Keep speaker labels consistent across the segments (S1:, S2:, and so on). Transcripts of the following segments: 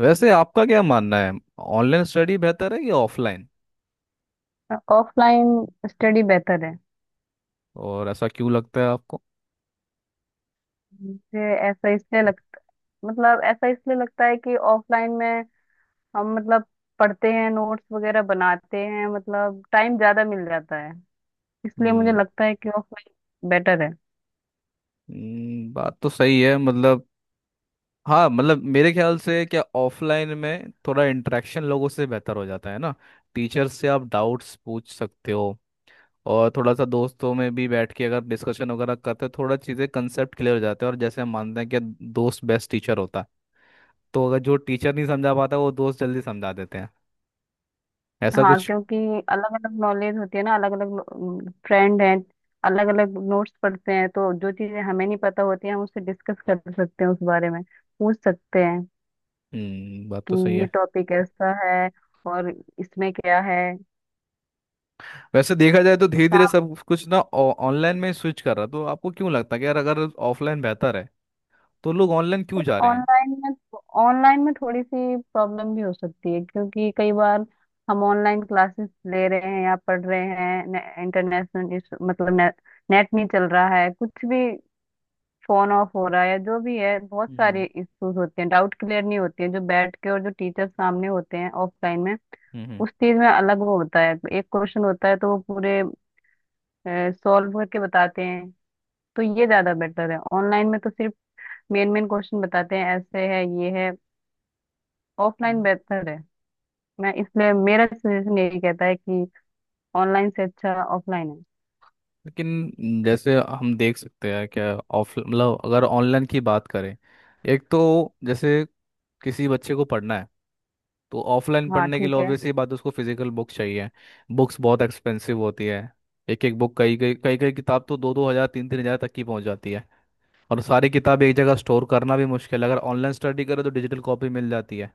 S1: वैसे आपका क्या मानना है, ऑनलाइन स्टडी बेहतर है या ऑफलाइन?
S2: ऑफलाइन स्टडी बेहतर है।
S1: और ऐसा क्यों लगता है आपको?
S2: मुझे ऐसा इसलिए लग मतलब ऐसा इसलिए लगता है कि ऑफलाइन में हम मतलब पढ़ते हैं, नोट्स वगैरह बनाते हैं, मतलब टाइम ज्यादा मिल जाता है। इसलिए मुझे
S1: हम्म।
S2: लगता है कि ऑफलाइन बेटर है।
S1: बात तो सही है मतलब। हाँ मतलब, मेरे ख्याल से, क्या ऑफलाइन में थोड़ा इंटरेक्शन लोगों से बेहतर हो जाता है ना। टीचर से आप डाउट्स पूछ सकते हो। और थोड़ा सा दोस्तों में भी बैठ के अगर डिस्कशन वगैरह करते हो, थोड़ा चीज़ें, कंसेप्ट क्लियर हो जाते हैं। और जैसे हम मानते हैं कि दोस्त बेस्ट टीचर होता है, तो अगर जो टीचर नहीं समझा पाता वो दोस्त जल्दी समझा देते हैं, ऐसा
S2: हाँ,
S1: कुछ।
S2: क्योंकि अलग अलग नॉलेज होती है ना, अलग अलग फ्रेंड हैं, अलग अलग नोट्स पढ़ते हैं, तो जो चीजें हमें नहीं पता होती हैं हम उससे डिस्कस कर सकते हैं, उस बारे में पूछ सकते हैं
S1: हम्म, बात
S2: कि
S1: तो सही
S2: ये
S1: है।
S2: टॉपिक ऐसा है और इसमें क्या है।
S1: वैसे देखा जाए तो धीरे धीरे सब कुछ ना ऑनलाइन में स्विच कर रहा, तो आपको क्यों लगता है कि यार, अगर ऑफलाइन बेहतर है तो लोग ऑनलाइन क्यों
S2: बट
S1: जा रहे हैं?
S2: ऑनलाइन में थोड़ी सी प्रॉब्लम भी हो सकती है, क्योंकि कई बार हम ऑनलाइन क्लासेस ले रहे हैं या पढ़ रहे हैं इंटरनेशनल, मतलब ने, नेट नहीं चल रहा है, कुछ भी फोन ऑफ हो रहा है या जो भी है, बहुत सारे
S1: हम्म।
S2: इश्यूज होते हैं, डाउट क्लियर नहीं होते हैं जो बैठ के, और जो टीचर सामने होते हैं ऑफलाइन में
S1: हम्म।
S2: उस चीज में अलग वो होता है। एक क्वेश्चन होता है तो वो पूरे सॉल्व करके बताते हैं, तो ये ज्यादा बेटर है। ऑनलाइन में तो सिर्फ मेन मेन क्वेश्चन बताते हैं, ऐसे है ये है। ऑफलाइन
S1: हम्म।
S2: बेहतर है। मैं इसलिए मेरा सजेशन यही कहता है कि ऑनलाइन से अच्छा ऑफलाइन है।
S1: लेकिन जैसे हम देख सकते हैं, क्या ऑफ मतलब, अगर ऑनलाइन की बात करें, एक तो, जैसे, किसी बच्चे को पढ़ना है, तो ऑफलाइन
S2: हाँ
S1: पढ़ने के लिए
S2: ठीक है।
S1: ऑब्वियसली बात है, उसको फिजिकल बुक चाहिए। बुक्स बहुत एक्सपेंसिव होती है। एक एक बुक, कई कई किताब, तो दो दो हज़ार, तीन तीन हज़ार तक की पहुंच जाती है। और सारी किताब एक जगह स्टोर करना भी मुश्किल है, अगर ऑनलाइन स्टडी करें तो डिजिटल कॉपी मिल जाती है।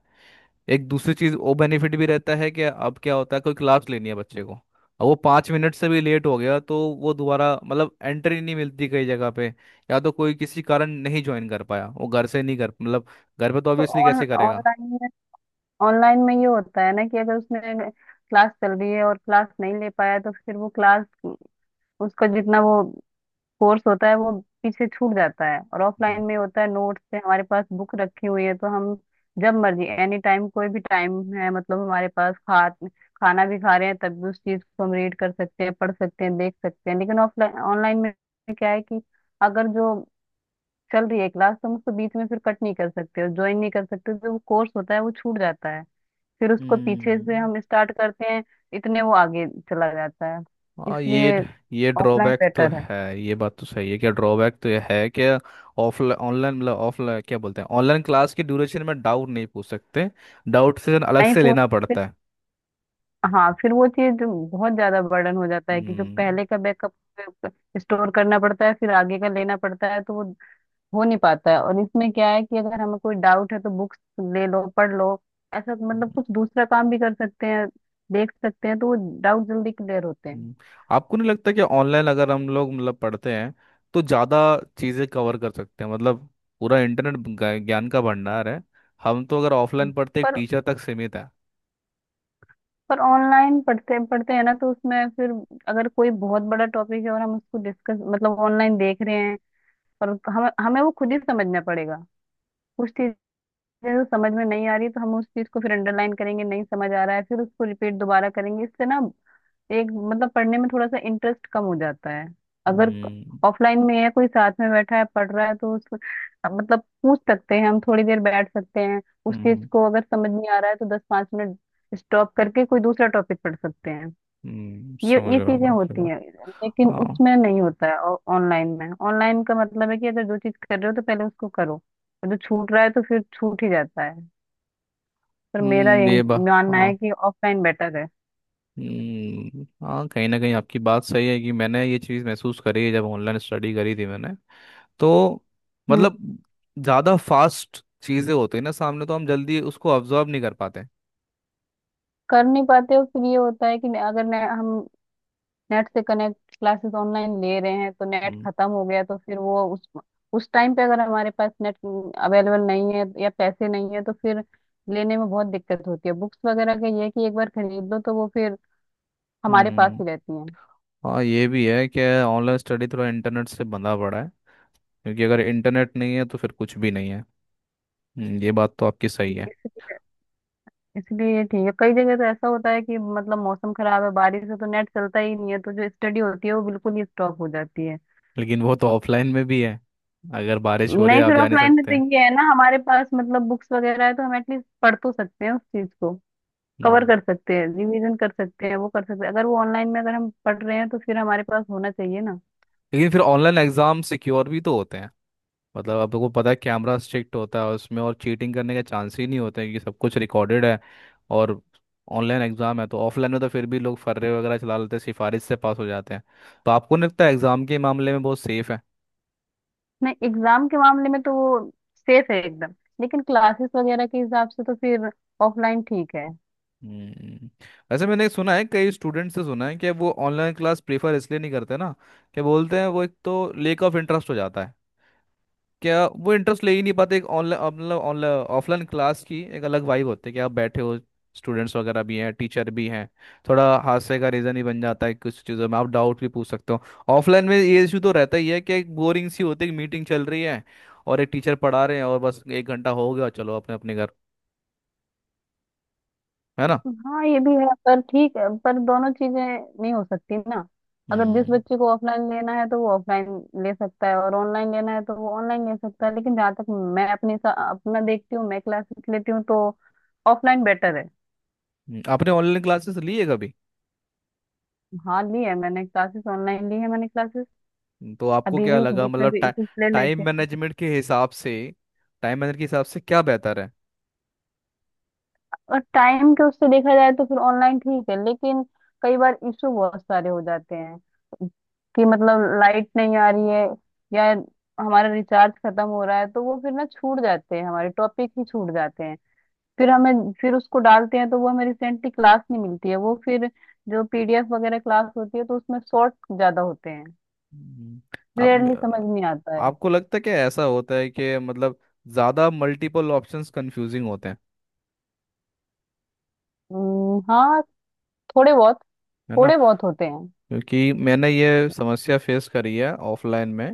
S1: एक दूसरी चीज़, वो बेनिफिट भी रहता है कि अब क्या होता है, कोई क्लास लेनी है बच्चे को, अब वो 5 मिनट से भी लेट हो गया तो वो दोबारा मतलब एंट्री नहीं मिलती कई जगह पे। या तो कोई किसी कारण नहीं ज्वाइन कर पाया, वो घर से नहीं कर, मतलब घर पे तो
S2: तो
S1: ऑब्वियसली
S2: ऑन
S1: कैसे करेगा।
S2: ऑनलाइन में ऑनलाइन में ये होता है ना कि अगर उसने, क्लास चल रही है और क्लास नहीं ले पाया तो फिर वो क्लास, उसका जितना वो कोर्स होता है वो पीछे छूट जाता है। और ऑफलाइन
S1: हम्म।
S2: में होता है नोट्स पे, हमारे पास बुक रखी हुई है, तो हम जब मर्जी, एनी टाइम, कोई भी टाइम है, मतलब हमारे पास खा खाना भी खा रहे हैं तब भी उस चीज को हम रीड कर सकते हैं, पढ़ सकते हैं, देख सकते हैं। लेकिन ऑफलाइन ऑनलाइन में क्या है कि अगर जो चल रही है क्लास तो हम उसको बीच में फिर कट नहीं कर सकते और ज्वाइन नहीं कर सकते, जो वो कोर्स होता है वो छूट जाता है। फिर उसको पीछे से
S1: हम्म।
S2: हम स्टार्ट करते हैं, इतने वो आगे चला जाता है।
S1: हाँ, ये
S2: इसलिए
S1: ये
S2: ऑफलाइन
S1: ड्रॉबैक तो
S2: बेटर है।
S1: है, ये बात तो सही है, क्या ड्रॉबैक तो ये है कि ऑफलाइन ऑनलाइन मतलब ऑफलाइन क्या बोलते हैं, ऑनलाइन क्लास के ड्यूरेशन में डाउट नहीं पूछ सकते। डाउट से अलग
S2: नहीं
S1: से
S2: पूछ
S1: लेना पड़ता है।
S2: हाँ, फिर वो चीज बहुत ज्यादा बर्डन हो जाता है कि जो
S1: हम्म।
S2: पहले का बैकअप स्टोर करना पड़ता है, फिर आगे का लेना पड़ता है, तो वो हो नहीं पाता है। और इसमें क्या है कि अगर हमें कोई डाउट है तो बुक्स ले लो, पढ़ लो, ऐसा मतलब कुछ दूसरा काम भी कर सकते हैं, देख सकते हैं, तो वो डाउट जल्दी क्लियर होते हैं।
S1: हम्म। आपको नहीं लगता कि ऑनलाइन अगर हम लोग मतलब पढ़ते हैं, तो ज़्यादा चीज़ें कवर कर सकते हैं, मतलब पूरा इंटरनेट ज्ञान का भंडार है। हम तो अगर ऑफलाइन पढ़ते एक
S2: पर
S1: टीचर तक सीमित है।
S2: पर ऑनलाइन पढ़ते पढ़ते हैं ना तो उसमें फिर अगर कोई बहुत बड़ा टॉपिक है और हम उसको डिस्कस, मतलब ऑनलाइन देख रहे हैं, और हम हमें वो खुद ही समझना पड़ेगा। कुछ जो समझ में नहीं आ रही तो हम उस चीज को फिर अंडरलाइन करेंगे, नहीं समझ आ रहा है फिर उसको रिपीट दोबारा करेंगे, इससे ना एक मतलब पढ़ने में थोड़ा सा इंटरेस्ट कम हो जाता है। अगर
S1: हम्म।
S2: ऑफलाइन में है कोई साथ में बैठा है पढ़ रहा है तो उस मतलब पूछ सकते हैं, हम थोड़ी देर बैठ सकते हैं उस
S1: हम्म।
S2: चीज को, अगर समझ नहीं आ रहा है तो दस पांच मिनट स्टॉप करके कोई दूसरा टॉपिक पढ़ सकते हैं। ये
S1: समझ
S2: ये
S1: रहा हूँ
S2: चीजें
S1: मैं आपकी
S2: होती
S1: बात।
S2: हैं लेकिन
S1: हाँ।
S2: उसमें नहीं होता है। ऑनलाइन का मतलब है कि अगर जो चीज कर रहे हो तो पहले उसको करो, और जो छूट रहा है तो फिर छूट ही जाता है। पर मेरा
S1: हम्म,
S2: ये
S1: ये बात,
S2: मानना
S1: हाँ।
S2: है कि ऑफलाइन बेटर है।
S1: हम्म, हाँ कहीं ना कहीं आपकी बात सही है, कि मैंने ये चीज़ महसूस करी है जब ऑनलाइन स्टडी करी थी मैंने, तो
S2: हम्म।
S1: मतलब, ज़्यादा फास्ट चीज़ें होती है ना सामने, तो हम जल्दी उसको अब्जॉर्ब नहीं कर पाते।
S2: कर नहीं पाते हो। फिर ये होता है कि अगर हम नेट से कनेक्ट क्लासेस ऑनलाइन ले रहे हैं तो नेट
S1: हम्म।
S2: खत्म हो गया तो फिर वो उस टाइम पे अगर हमारे पास नेट अवेलेबल नहीं है या पैसे नहीं है तो फिर लेने में बहुत दिक्कत होती है। बुक्स वगैरह का ये है कि एक बार खरीद लो तो वो फिर हमारे पास
S1: हम्म,
S2: ही रहती हैं।
S1: हाँ ये भी है कि ऑनलाइन स्टडी थोड़ा इंटरनेट से बंधा पड़ा है, क्योंकि अगर इंटरनेट नहीं है तो फिर कुछ भी नहीं है। ये बात तो आपकी सही है।
S2: इसलिए इसलिए ये ठीक है। कई जगह तो ऐसा होता है कि मतलब मौसम खराब है, बारिश है, तो नेट चलता ही नहीं है, तो जो स्टडी होती है वो बिल्कुल ही स्टॉप हो जाती है।
S1: लेकिन वो तो ऑफलाइन में भी है, अगर बारिश हो रही है
S2: नहीं,
S1: आप
S2: फिर
S1: जा नहीं
S2: ऑफलाइन में
S1: सकते
S2: तो
S1: हैं।
S2: ये है ना, हमारे पास मतलब बुक्स वगैरह है तो हम एटलीस्ट पढ़ तो सकते हैं, उस चीज को कवर
S1: हम्म,
S2: कर सकते हैं, रिवीजन कर सकते हैं, वो कर सकते हैं। अगर वो ऑनलाइन में अगर हम पढ़ रहे हैं तो फिर हमारे पास होना चाहिए ना।
S1: लेकिन फिर ऑनलाइन एग्ज़ाम सिक्योर भी तो होते हैं। मतलब, आपको पता है कैमरा स्ट्रिक्ट होता है उसमें, और चीटिंग करने के चांस ही नहीं होते हैं, क्योंकि सब कुछ रिकॉर्डेड है और ऑनलाइन एग्ज़ाम है। तो ऑफलाइन में तो फिर भी लोग फर्रे वगैरह चला लेते हैं, सिफारिश से पास हो जाते हैं। तो आपको नहीं लगता एग्ज़ाम के मामले में बहुत सेफ है?
S2: नहीं, एग्जाम के मामले में तो वो सेफ है एकदम, लेकिन क्लासेस वगैरह के हिसाब से तो फिर ऑफलाइन ठीक है।
S1: हम्म, वैसे मैंने सुना है, कई स्टूडेंट से सुना है, कि वो ऑनलाइन क्लास प्रेफर इसलिए नहीं करते ना, कि बोलते हैं वो एक तो लेक ऑफ इंटरेस्ट हो जाता है, क्या वो इंटरेस्ट ले ही नहीं पाते, एक ऑनलाइन मतलब ऑनलाइन ऑफलाइन क्लास की एक अलग वाइब होती है कि आप बैठे हो, स्टूडेंट्स वगैरह भी हैं टीचर भी हैं, थोड़ा हादसे का रीज़न ही बन जाता है, कुछ चीज़ों में आप डाउट भी पूछ सकते हो। ऑफलाइन में ये इशू तो रहता ही है कि एक बोरिंग सी होती है, मीटिंग चल रही है और एक टीचर पढ़ा रहे हैं और बस 1 घंटा हो गया, चलो अपने अपने घर, है ना?
S2: हाँ ये भी है, पर ठीक है, पर दोनों चीजें नहीं हो सकती ना। अगर जिस
S1: हम्म।
S2: बच्चे को ऑफलाइन लेना है तो वो ऑफलाइन ले सकता है और ऑनलाइन लेना है तो वो ऑनलाइन ले सकता है, लेकिन जहाँ तक अपना देखती हूँ, मैं क्लासेस लेती हूँ तो ऑफलाइन बेटर है।
S1: आपने ऑनलाइन क्लासेस ली है कभी?
S2: हाँ, ली है मैंने क्लासेस, ऑनलाइन ली है मैंने क्लासेस,
S1: तो आपको
S2: अभी
S1: क्या
S2: भी
S1: लगा
S2: बीच में
S1: मतलब,
S2: भी कुछ ले
S1: टाइम
S2: लेती हूँ।
S1: मैनेजमेंट के हिसाब से, टाइम मैनेजमेंट के हिसाब से क्या बेहतर है?
S2: और टाइम के उससे देखा जाए तो फिर ऑनलाइन ठीक है, लेकिन कई बार इशू बहुत सारे हो जाते हैं कि मतलब लाइट नहीं आ रही है, या हमारा रिचार्ज खत्म हो रहा है, तो वो फिर ना छूट जाते हैं, हमारे टॉपिक ही छूट जाते हैं। फिर हमें फिर उसको डालते हैं तो वो हमें रिसेंटली क्लास नहीं मिलती है, वो फिर जो पीडीएफ वगैरह क्लास होती है तो उसमें शॉर्ट ज्यादा होते हैं,
S1: हम्म,
S2: क्लियरली समझ
S1: आप,
S2: नहीं आता है।
S1: आपको लगता है कि ऐसा होता है कि मतलब ज़्यादा मल्टीपल ऑप्शंस कंफ्यूजिंग होते हैं,
S2: हाँ, थोड़े बहुत
S1: है ना?
S2: थोड़े बहुत होते हैं।
S1: क्योंकि मैंने ये समस्या फेस करी है ऑफलाइन में,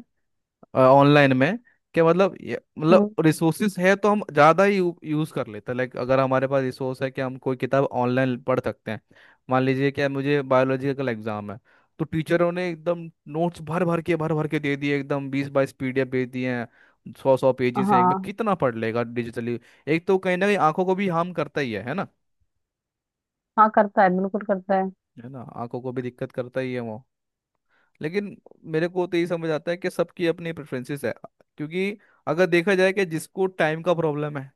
S1: ऑनलाइन में, क्या मतलब
S2: हम्म,
S1: मतलब रिसोर्सेज है तो हम ज़्यादा ही यूज़ कर लेते हैं, लाइक अगर हमारे पास रिसोर्स है कि हम कोई किताब ऑनलाइन पढ़ सकते हैं। मान लीजिए कि मुझे बायोलॉजी का कल एग्ज़ाम है, तो टीचरों ने एकदम नोट्स भर भर के दे दिए, एकदम 20-22 पीडीएफ दे दिए हैं, सौ सौ पेजेस हैं एक में,
S2: हाँ।
S1: कितना पढ़ लेगा डिजिटली। एक तो कहीं ना कहीं आंखों को भी हार्म करता ही है ना?
S2: हाँ, करता है, बिल्कुल करता है।
S1: है ना, आंखों को भी दिक्कत करता ही है वो। लेकिन मेरे को तो यही समझ आता है कि सबकी अपनी प्रेफरेंसेस है, क्योंकि अगर देखा जाए कि जिसको टाइम का प्रॉब्लम है,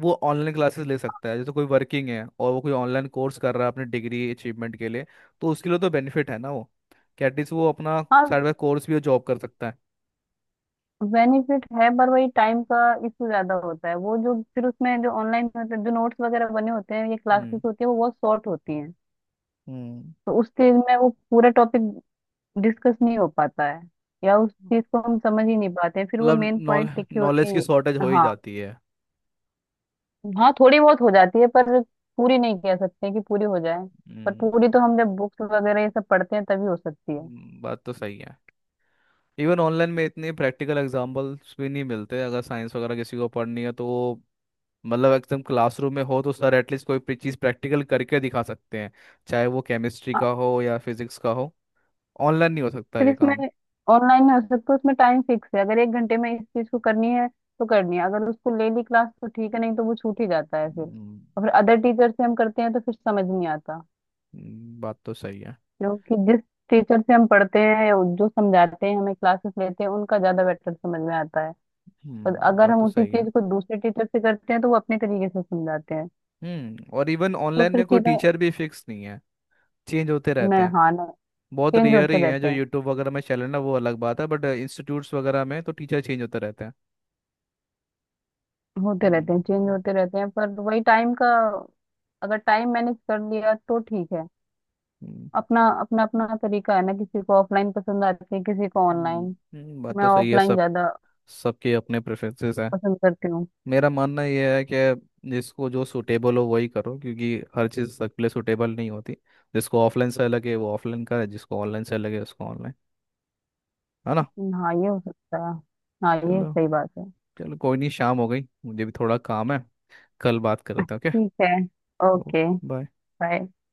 S1: वो ऑनलाइन क्लासेस ले सकता है, जैसे कोई वर्किंग है और वो कोई ऑनलाइन कोर्स कर रहा है अपनी डिग्री अचीवमेंट के लिए, तो उसके लिए तो बेनिफिट है ना वो, कि एटलीस्ट वो अपना
S2: हाँ।
S1: साइड बाय कोर्स भी और जॉब कर सकता है।
S2: बेनिफिट है, पर वही टाइम का इशू ज्यादा होता है। वो जो फिर उसमें जो ऑनलाइन मतलब जो नोट्स वगैरह बने होते हैं या क्लासेस
S1: हम्म।
S2: होती है वो बहुत शॉर्ट होती हैं,
S1: हम्म,
S2: तो उस चीज में वो पूरा टॉपिक डिस्कस नहीं हो पाता है, या उस चीज को हम समझ ही नहीं पाते हैं, फिर वो
S1: मतलब
S2: मेन पॉइंट
S1: नॉलेज,
S2: लिखे होते
S1: नॉलेज की शॉर्टेज
S2: हैं।
S1: हो ही
S2: हाँ।
S1: जाती है।
S2: हाँ थोड़ी बहुत हो जाती है, पर पूरी नहीं कह सकते कि पूरी हो जाए। पर
S1: हम्म।
S2: पूरी तो हम जब बुक्स वगैरह ये सब पढ़ते हैं तभी हो सकती है।
S1: बात तो सही है। इवन ऑनलाइन में इतने प्रैक्टिकल एग्जाम्पल्स भी नहीं मिलते, अगर साइंस वगैरह किसी को पढ़नी है तो, मतलब एकदम क्लासरूम में हो तो सर एटलीस्ट कोई चीज़ प्रैक्टिकल करके दिखा सकते हैं, चाहे वो केमिस्ट्री का हो या फिजिक्स का हो। ऑनलाइन नहीं हो सकता
S2: फिर
S1: ये
S2: इसमें
S1: काम।
S2: ऑनलाइन में हो सकता है, उसमें टाइम फिक्स है, अगर एक घंटे में इस चीज को करनी है तो करनी है। अगर उसको ले ली क्लास तो ठीक है, नहीं तो वो छूट ही जाता है फिर,
S1: हम्म,
S2: और फिर अदर टीचर से हम करते हैं तो फिर समझ नहीं आता।
S1: बात तो सही है।
S2: क्योंकि जिस टीचर से हम पढ़ते हैं या जो समझाते हैं हमें, क्लासेस लेते हैं, उनका ज्यादा बेटर समझ में आता है। और
S1: हम्म,
S2: अगर
S1: बात
S2: हम
S1: तो
S2: उसी
S1: सही है।
S2: चीज को दूसरे टीचर से करते हैं तो वो अपने तरीके से समझाते हैं,
S1: हम्म, और इवन
S2: तो
S1: ऑनलाइन
S2: फिर
S1: में कोई
S2: चीजें,
S1: टीचर भी फिक्स नहीं है, चेंज होते रहते
S2: न
S1: हैं।
S2: हाँ न
S1: बहुत
S2: चेंज
S1: रेयर
S2: होते
S1: ही है,
S2: रहते
S1: जो
S2: हैं,
S1: यूट्यूब वगैरह में चैनल है वो अलग बात है, बट इंस्टीट्यूट्स वगैरह में तो टीचर चेंज होते रहते हैं।
S2: होते रहते हैं, चेंज
S1: हम्म।
S2: होते रहते हैं, पर वही टाइम का, अगर टाइम मैनेज कर लिया तो ठीक है।
S1: हम्म,
S2: अपना अपना अपना तरीका है ना, किसी को ऑफलाइन पसंद आती है, किसी को
S1: हम्म,
S2: ऑनलाइन।
S1: बात
S2: मैं
S1: तो सही है।
S2: ऑफलाइन
S1: सब,
S2: ज्यादा
S1: सबके अपने प्रेफरेंसेस हैं।
S2: पसंद करती हूँ।
S1: मेरा मानना यह है कि जिसको जो सूटेबल हो वही करो, क्योंकि हर चीज़ सबके लिए सूटेबल नहीं होती। जिसको ऑफलाइन से लगे वो ऑफलाइन करे, जिसको ऑनलाइन से लगे उसको ऑनलाइन, है ना?
S2: हाँ ये हो सकता है। हाँ ये
S1: चलो।
S2: सही बात है।
S1: चलो, कोई नहीं, शाम हो गई मुझे भी थोड़ा काम है। कल बात करते हैं।
S2: ठीक है।
S1: ओके।
S2: ओके।
S1: बाय।
S2: बाय।